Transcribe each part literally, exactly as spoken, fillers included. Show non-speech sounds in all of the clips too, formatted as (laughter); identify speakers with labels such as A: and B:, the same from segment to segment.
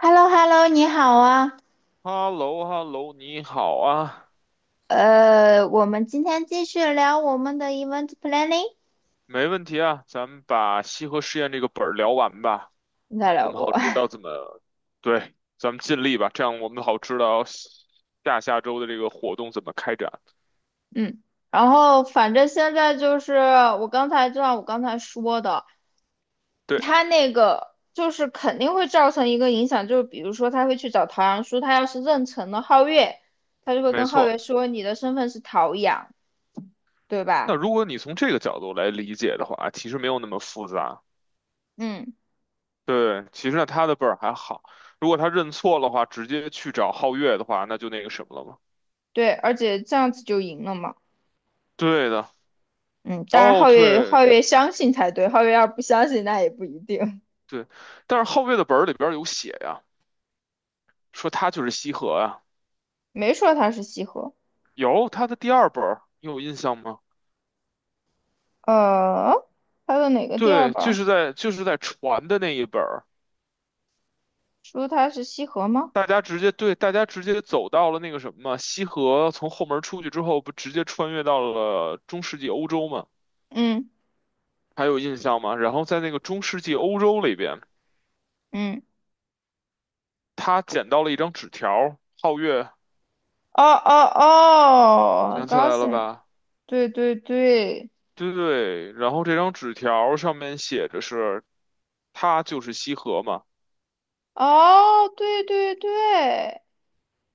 A: H E L L O H E L L O 你好啊。
B: 哈喽哈喽，你好啊，
A: 呃，我们今天继续聊我们的 event planning，
B: 没问题啊，咱们把西河实验这个本儿聊完吧，
A: 应该
B: 我
A: 聊
B: 们
A: 不
B: 好知
A: 完。
B: 道怎么，对，咱们尽力吧，这样我们好知道下下周的这个活动怎么开展。
A: (laughs) 嗯，然后反正现在就是我刚才就像我刚才说的，
B: 对，
A: 他那个就是肯定会造成一个影响，就是比如说他会去找陶阳叔，他要是认成了皓月，他就会
B: 没
A: 跟皓月
B: 错。
A: 说你的身份是陶阳，对
B: 那
A: 吧？
B: 如果你从这个角度来理解的话，其实没有那么复杂。
A: 嗯，
B: 对，其实呢，他的本儿还好，如果他认错的话，直接去找皓月的话，那就那个什么了嘛。
A: 对，而且这样子就赢了嘛。
B: 对的，
A: 嗯，当然
B: 哦，
A: 皓月
B: 对
A: 皓月相信才对，皓月要不相信那也不一定。
B: 对，但是皓月的本儿里边儿有写呀，说他就是西河啊。
A: 没说他是西河。
B: 有他的第二本儿，你有印象吗？
A: 呃，还的哪个第二
B: 对，
A: 本
B: 就
A: 儿
B: 是在就是在船的那一本儿，
A: 说他是西河吗？
B: 大家直接对，大家直接走到了那个什么西河，从后门出去之后，不直接穿越到了中世纪欧洲吗？
A: 嗯
B: 还有印象吗？然后在那个中世纪欧洲里边，
A: 嗯，
B: 他捡到了一张纸条儿，皓月
A: 哦哦哦
B: 想
A: G
B: 起来了
A: A U,
B: 吧？
A: 对对对，
B: 对对，然后这张纸条儿上面写着是，他就是西河嘛。
A: 哦对对对，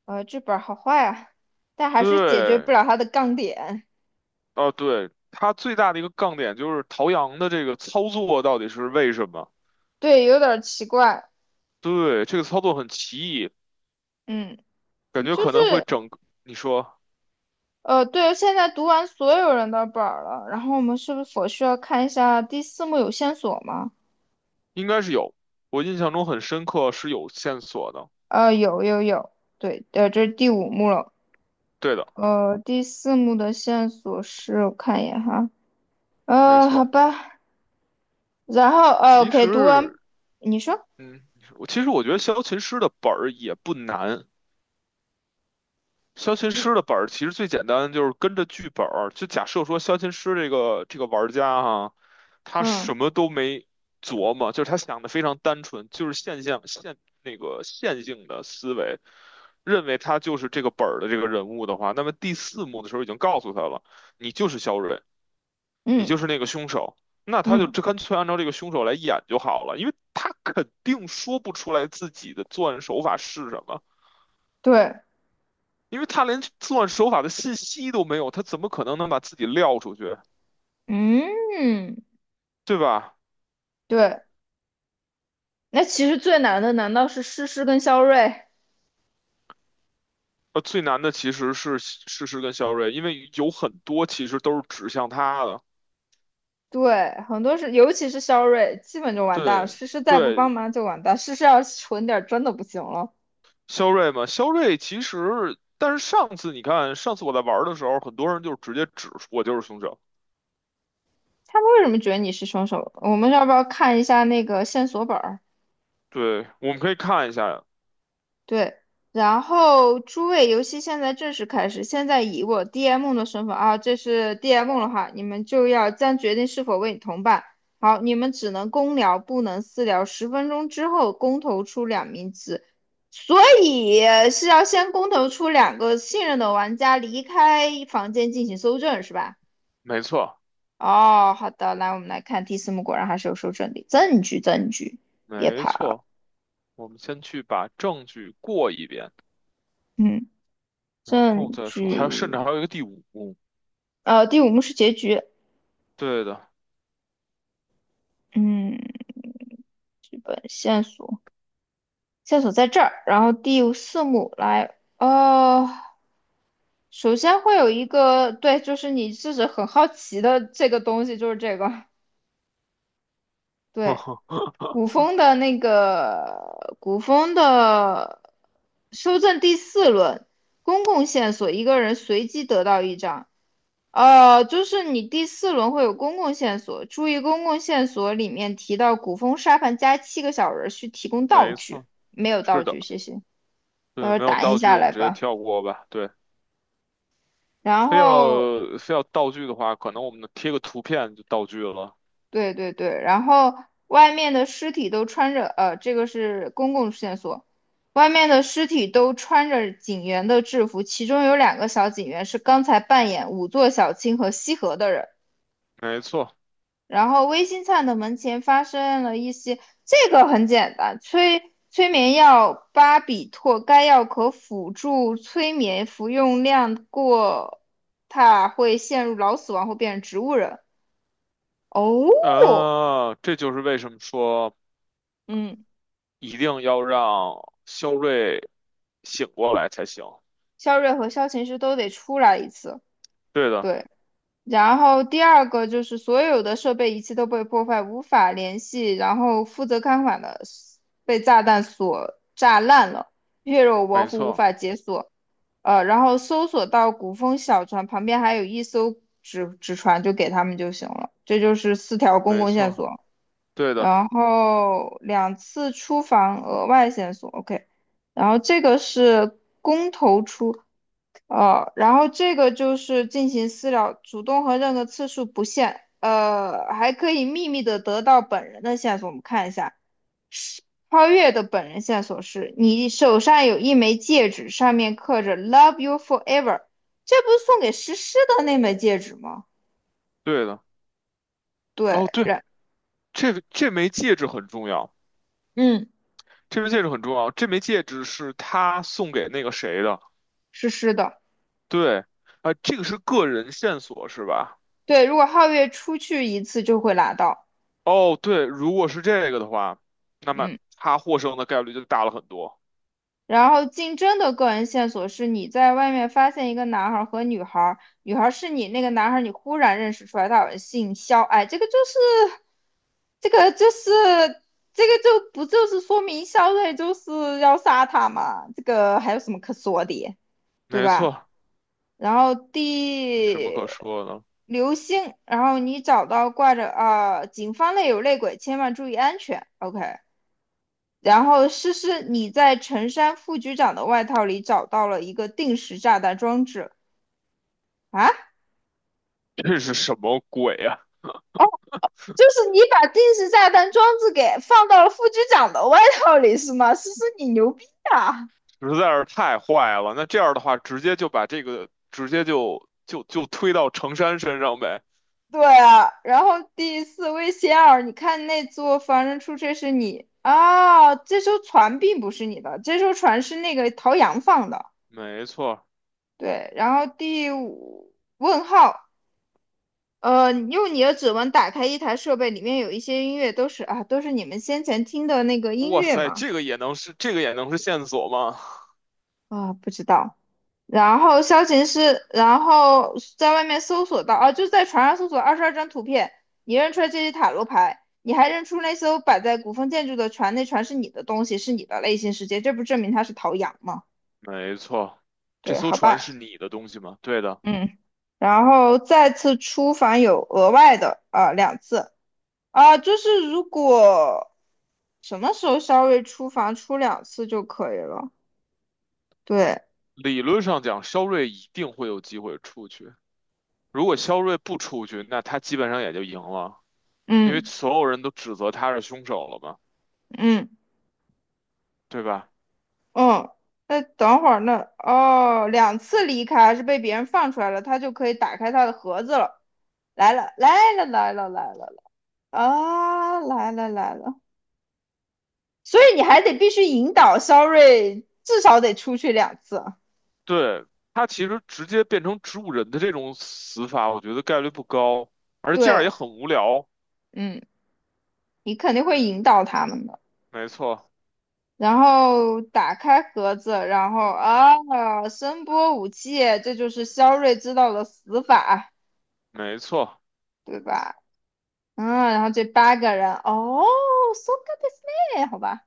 A: 呃，这本儿好坏啊，但还是解决不
B: 对，
A: 了它的杠点。
B: 哦，对，它最大的一个杠点就是陶阳的这个操作到底是为什么？
A: 对，有点儿奇怪。
B: 对，这个操作很奇异，
A: 嗯，
B: 感觉
A: 就
B: 可能会
A: 是
B: 整个你说
A: 呃，对，现在读完所有人的本儿了，然后我们是不是否需要看一下第四幕有线索吗？
B: 应该是有，我印象中很深刻是有线索的。
A: 呃，有有有。对，呃，这是第五幕了。
B: 对的，
A: 呃，第四幕的线索是，我看一眼哈，
B: 没
A: 呃，好
B: 错。
A: 吧。然后呃
B: 其
A: ，OK,读完，
B: 实，
A: 你说，
B: 嗯，你说我其实我觉得萧琴师的本儿也不难，消琴
A: 你，
B: 师的本儿其实最简单，就是跟着剧本儿。就假设说消琴师这个这个玩家哈、他
A: 嗯
B: 什么都没琢磨，就是他想的非常单纯，就是现象线那个线性的思维，认为他就是这个本儿的这个人物的话，那么第四幕的时候已经告诉他了，你就是肖瑞，你
A: 嗯
B: 就是那个凶手。那他就
A: 嗯。
B: 这干脆按照这个凶手来演就好了，因为他肯定说不出来自己的作案手法是什么。
A: 对，
B: 因为他连作案手法的信息都没有，他怎么可能能把自己撂出去，
A: 嗯
B: 对吧？
A: 对。那其实最难的难道是诗诗跟肖瑞？
B: 呃，最难的其实是事实跟肖瑞，因为有很多其实都是指向他的。
A: 对，很多是，尤其是肖瑞，基本就完蛋了。
B: 对
A: 诗诗再不帮
B: 对，
A: 忙就完蛋，诗诗要是蠢点儿真的不行了。
B: 肖瑞嘛，肖瑞其实，但是上次你看，上次我在玩的时候，很多人就直接指出我就是凶手。
A: 他们为什么觉得你是凶手？我们要不要看一下那个线索本儿？
B: 对，我们可以看一下，
A: 对，然后诸位游戏现在正式开始。现在以我 D M 的身份啊，这是 D M 的话，你们就要将决定是否为你同伴。好，你们只能公聊，不能私聊。十分钟之后公投出两名字，所以是要先公投出两个信任的玩家离开房间进行搜证，是吧？
B: 没错
A: 哦，好的，来我们来看第四幕，果然还是有搜证的证据，证据，别
B: 没
A: 跑。
B: 错，我们先去把证据过一遍，
A: 嗯，
B: 然后
A: 证
B: 再说，还有甚
A: 据。
B: 至还有一个第五，
A: 呃，第五幕是结局，
B: 对的，
A: 嗯，剧本线索，线索在这儿。然后第四幕来，哦，首先会有一个，对，就是你自己很好奇的这个东西，就是这个，对，古
B: (laughs)
A: 风的那个古风的修正第四轮，公共线索，一个人随机得到一张。呃，就是你第四轮会有公共线索，注意公共线索里面提到古风沙盘加七个小人儿需提供道
B: 没
A: 具，
B: 错。
A: 没有
B: 是
A: 道
B: 的，
A: 具，谢谢，到
B: 对，
A: 时候
B: 没有
A: 打印
B: 道具
A: 下
B: 我们
A: 来
B: 直接
A: 吧。
B: 跳过吧。对，
A: 然
B: 非要
A: 后，
B: 非要道具的话，可能我们贴个图片就道具了。
A: 对对对，然后外面的尸体都穿着，呃，这个是公共线索，外面的尸体都穿着警员的制服，其中有两个小警员是刚才扮演五座小青和西河的人。
B: 没错，
A: 然后微星灿的门前发生了一些，这个很简单，催催眠药巴比妥，该药可辅助催眠，服用量过大会陷入脑死亡或变成植物人。哦，
B: 啊，这就是为什么说
A: 嗯，
B: 一定要让肖瑞醒过来才行。
A: 肖瑞和肖琴是都得出来一次。
B: 对的，
A: 对，然后第二个就是所有的设备仪器都被破坏，无法联系。然后负责看管的被炸弹所炸烂了，血肉模
B: 没
A: 糊，无
B: 错，
A: 法解锁。呃，然后搜索到古风小船旁边还有一艘纸纸船，就给他们就行了。这就是四条公
B: 没
A: 共线
B: 错，
A: 索，
B: 对的，
A: 然后两次出访额外线索，OK。然后这个是公投出呃，然后这个就是进行私聊，主动和任何次数不限，呃，还可以秘密的得到本人的线索。我们看一下，是超越的本人线索是你手上有一枚戒指，上面刻着 “Love you forever”,这不是送给诗诗的那枚戒指吗？
B: 对的。
A: 对，
B: 哦，对，
A: 然
B: 这个这枚戒指很重要，
A: 嗯，
B: 这枚戒指很重要，这枚戒指是他送给那个谁的。
A: 诗诗的。
B: 对，啊、这个是个人线索是吧？
A: 对，如果皓月出去一次就会拿到，
B: 哦，对，如果是这个的话，那么
A: 嗯。
B: 他获胜的概率就大了很多。
A: 然后竞争的个人线索是你在外面发现一个男孩和女孩，女孩是你那个男孩你忽然认识出来他好像姓肖，哎，这个就是这个就是这个就不就是说明肖瑞就是要杀他嘛？这个还有什么可说的，对
B: 没
A: 吧？
B: 错，
A: 然后
B: 你什么
A: 第
B: 可说的。
A: 流星，然后你找到挂着啊、警方内有内鬼，千万注意安全。OK。然后诗诗，你在陈山副局长的外套里找到了一个定时炸弹装置，啊？
B: (laughs) 这是什么鬼呀、
A: 就是你把定时炸弹装置给放到了副局长的外套里是吗？诗诗，你牛逼啊！
B: 实在是太坏了。那这样的话，直接就把这个直接就就就推到程山身上呗。
A: 对啊，然后第四位仙儿，你看那座防人出车是你啊。哦，这艘船并不是你的，这艘船是那个陶阳放的。
B: 没错，
A: 对，然后第五，问号，呃，用你的指纹打开一台设备，里面有一些音乐，都是啊，都是你们先前听的那个音
B: 哇
A: 乐
B: 塞，
A: 嘛？
B: 这个也能是这个也能是线索吗？
A: 啊，不知道。然后消琴师，然后在外面搜索到，啊，就在船上搜索二十二张图片，你认出来这些塔罗牌，你还认出那艘摆在古风建筑的船，那船是你的东西，是你的内心世界，这不证明它是陶阳吗？
B: 没错，这
A: 对，
B: 艘
A: 好
B: 船
A: 吧，
B: 是你的东西吗？对的，
A: 嗯。然后再次出访有额外的啊，呃，两次。啊，就是如果什么时候肖微出房出两次就可以了。对，
B: 理论上讲，肖瑞一定会有机会出去。如果肖瑞不出去，那他基本上也就赢了。因为
A: 嗯
B: 所有人都指责他是凶手了嘛，
A: 嗯
B: 对吧？
A: 嗯，那等会儿那哦，两次离开还是被别人放出来了，他就可以打开他的盒子了。来了来了来了来了，啊，来了来了。所以你还得必须引导肖瑞，至少得出去两次啊。
B: 对，他其实直接变成植物人的这种死法，我觉得概率不高，而且这样也
A: 对，
B: 很无聊。
A: 嗯，你肯定会引导他们的。
B: 没错，
A: 然后打开盒子，然后啊，声波武器，这就是肖瑞知道的死法，
B: 没错，
A: 对吧？嗯，然后这八个人，哦，so good this man,好吧。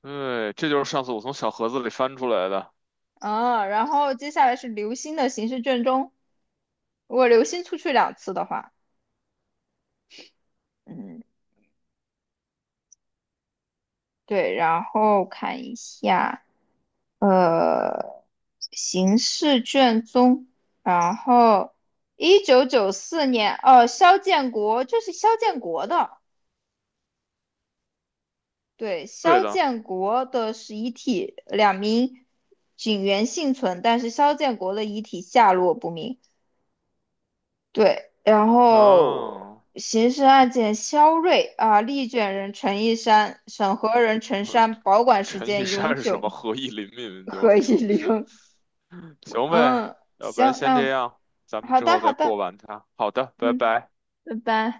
B: 对，这就是上次我从小盒子里翻出来的。
A: 嗯，然后接下来是流星的刑事卷宗，如果流星出去两次的话，嗯，对，然后看一下。呃，刑事卷宗，然后一九九四年，哦，肖建国，这是肖建国的。对，
B: 对
A: 肖
B: 的，
A: 建国的是遗体，两名警员幸存，但是肖建国的遗体下落不明。对，然后
B: 嗯，呃
A: 刑事案件肖瑞啊，立卷人陈一山，审核人陈山，保管时
B: 陈一
A: 间永
B: 山是什
A: 久，
B: 么？何以林敏就
A: 何
B: 是
A: 以
B: 城市。
A: 玲。(laughs)
B: 行呗，
A: 嗯，
B: 要不然
A: 行，
B: 先这
A: 那
B: 样，咱们
A: 好
B: 之
A: 的，
B: 后
A: 好
B: 再过
A: 的，
B: 完它。好的，拜
A: 嗯，
B: 拜。
A: 拜拜。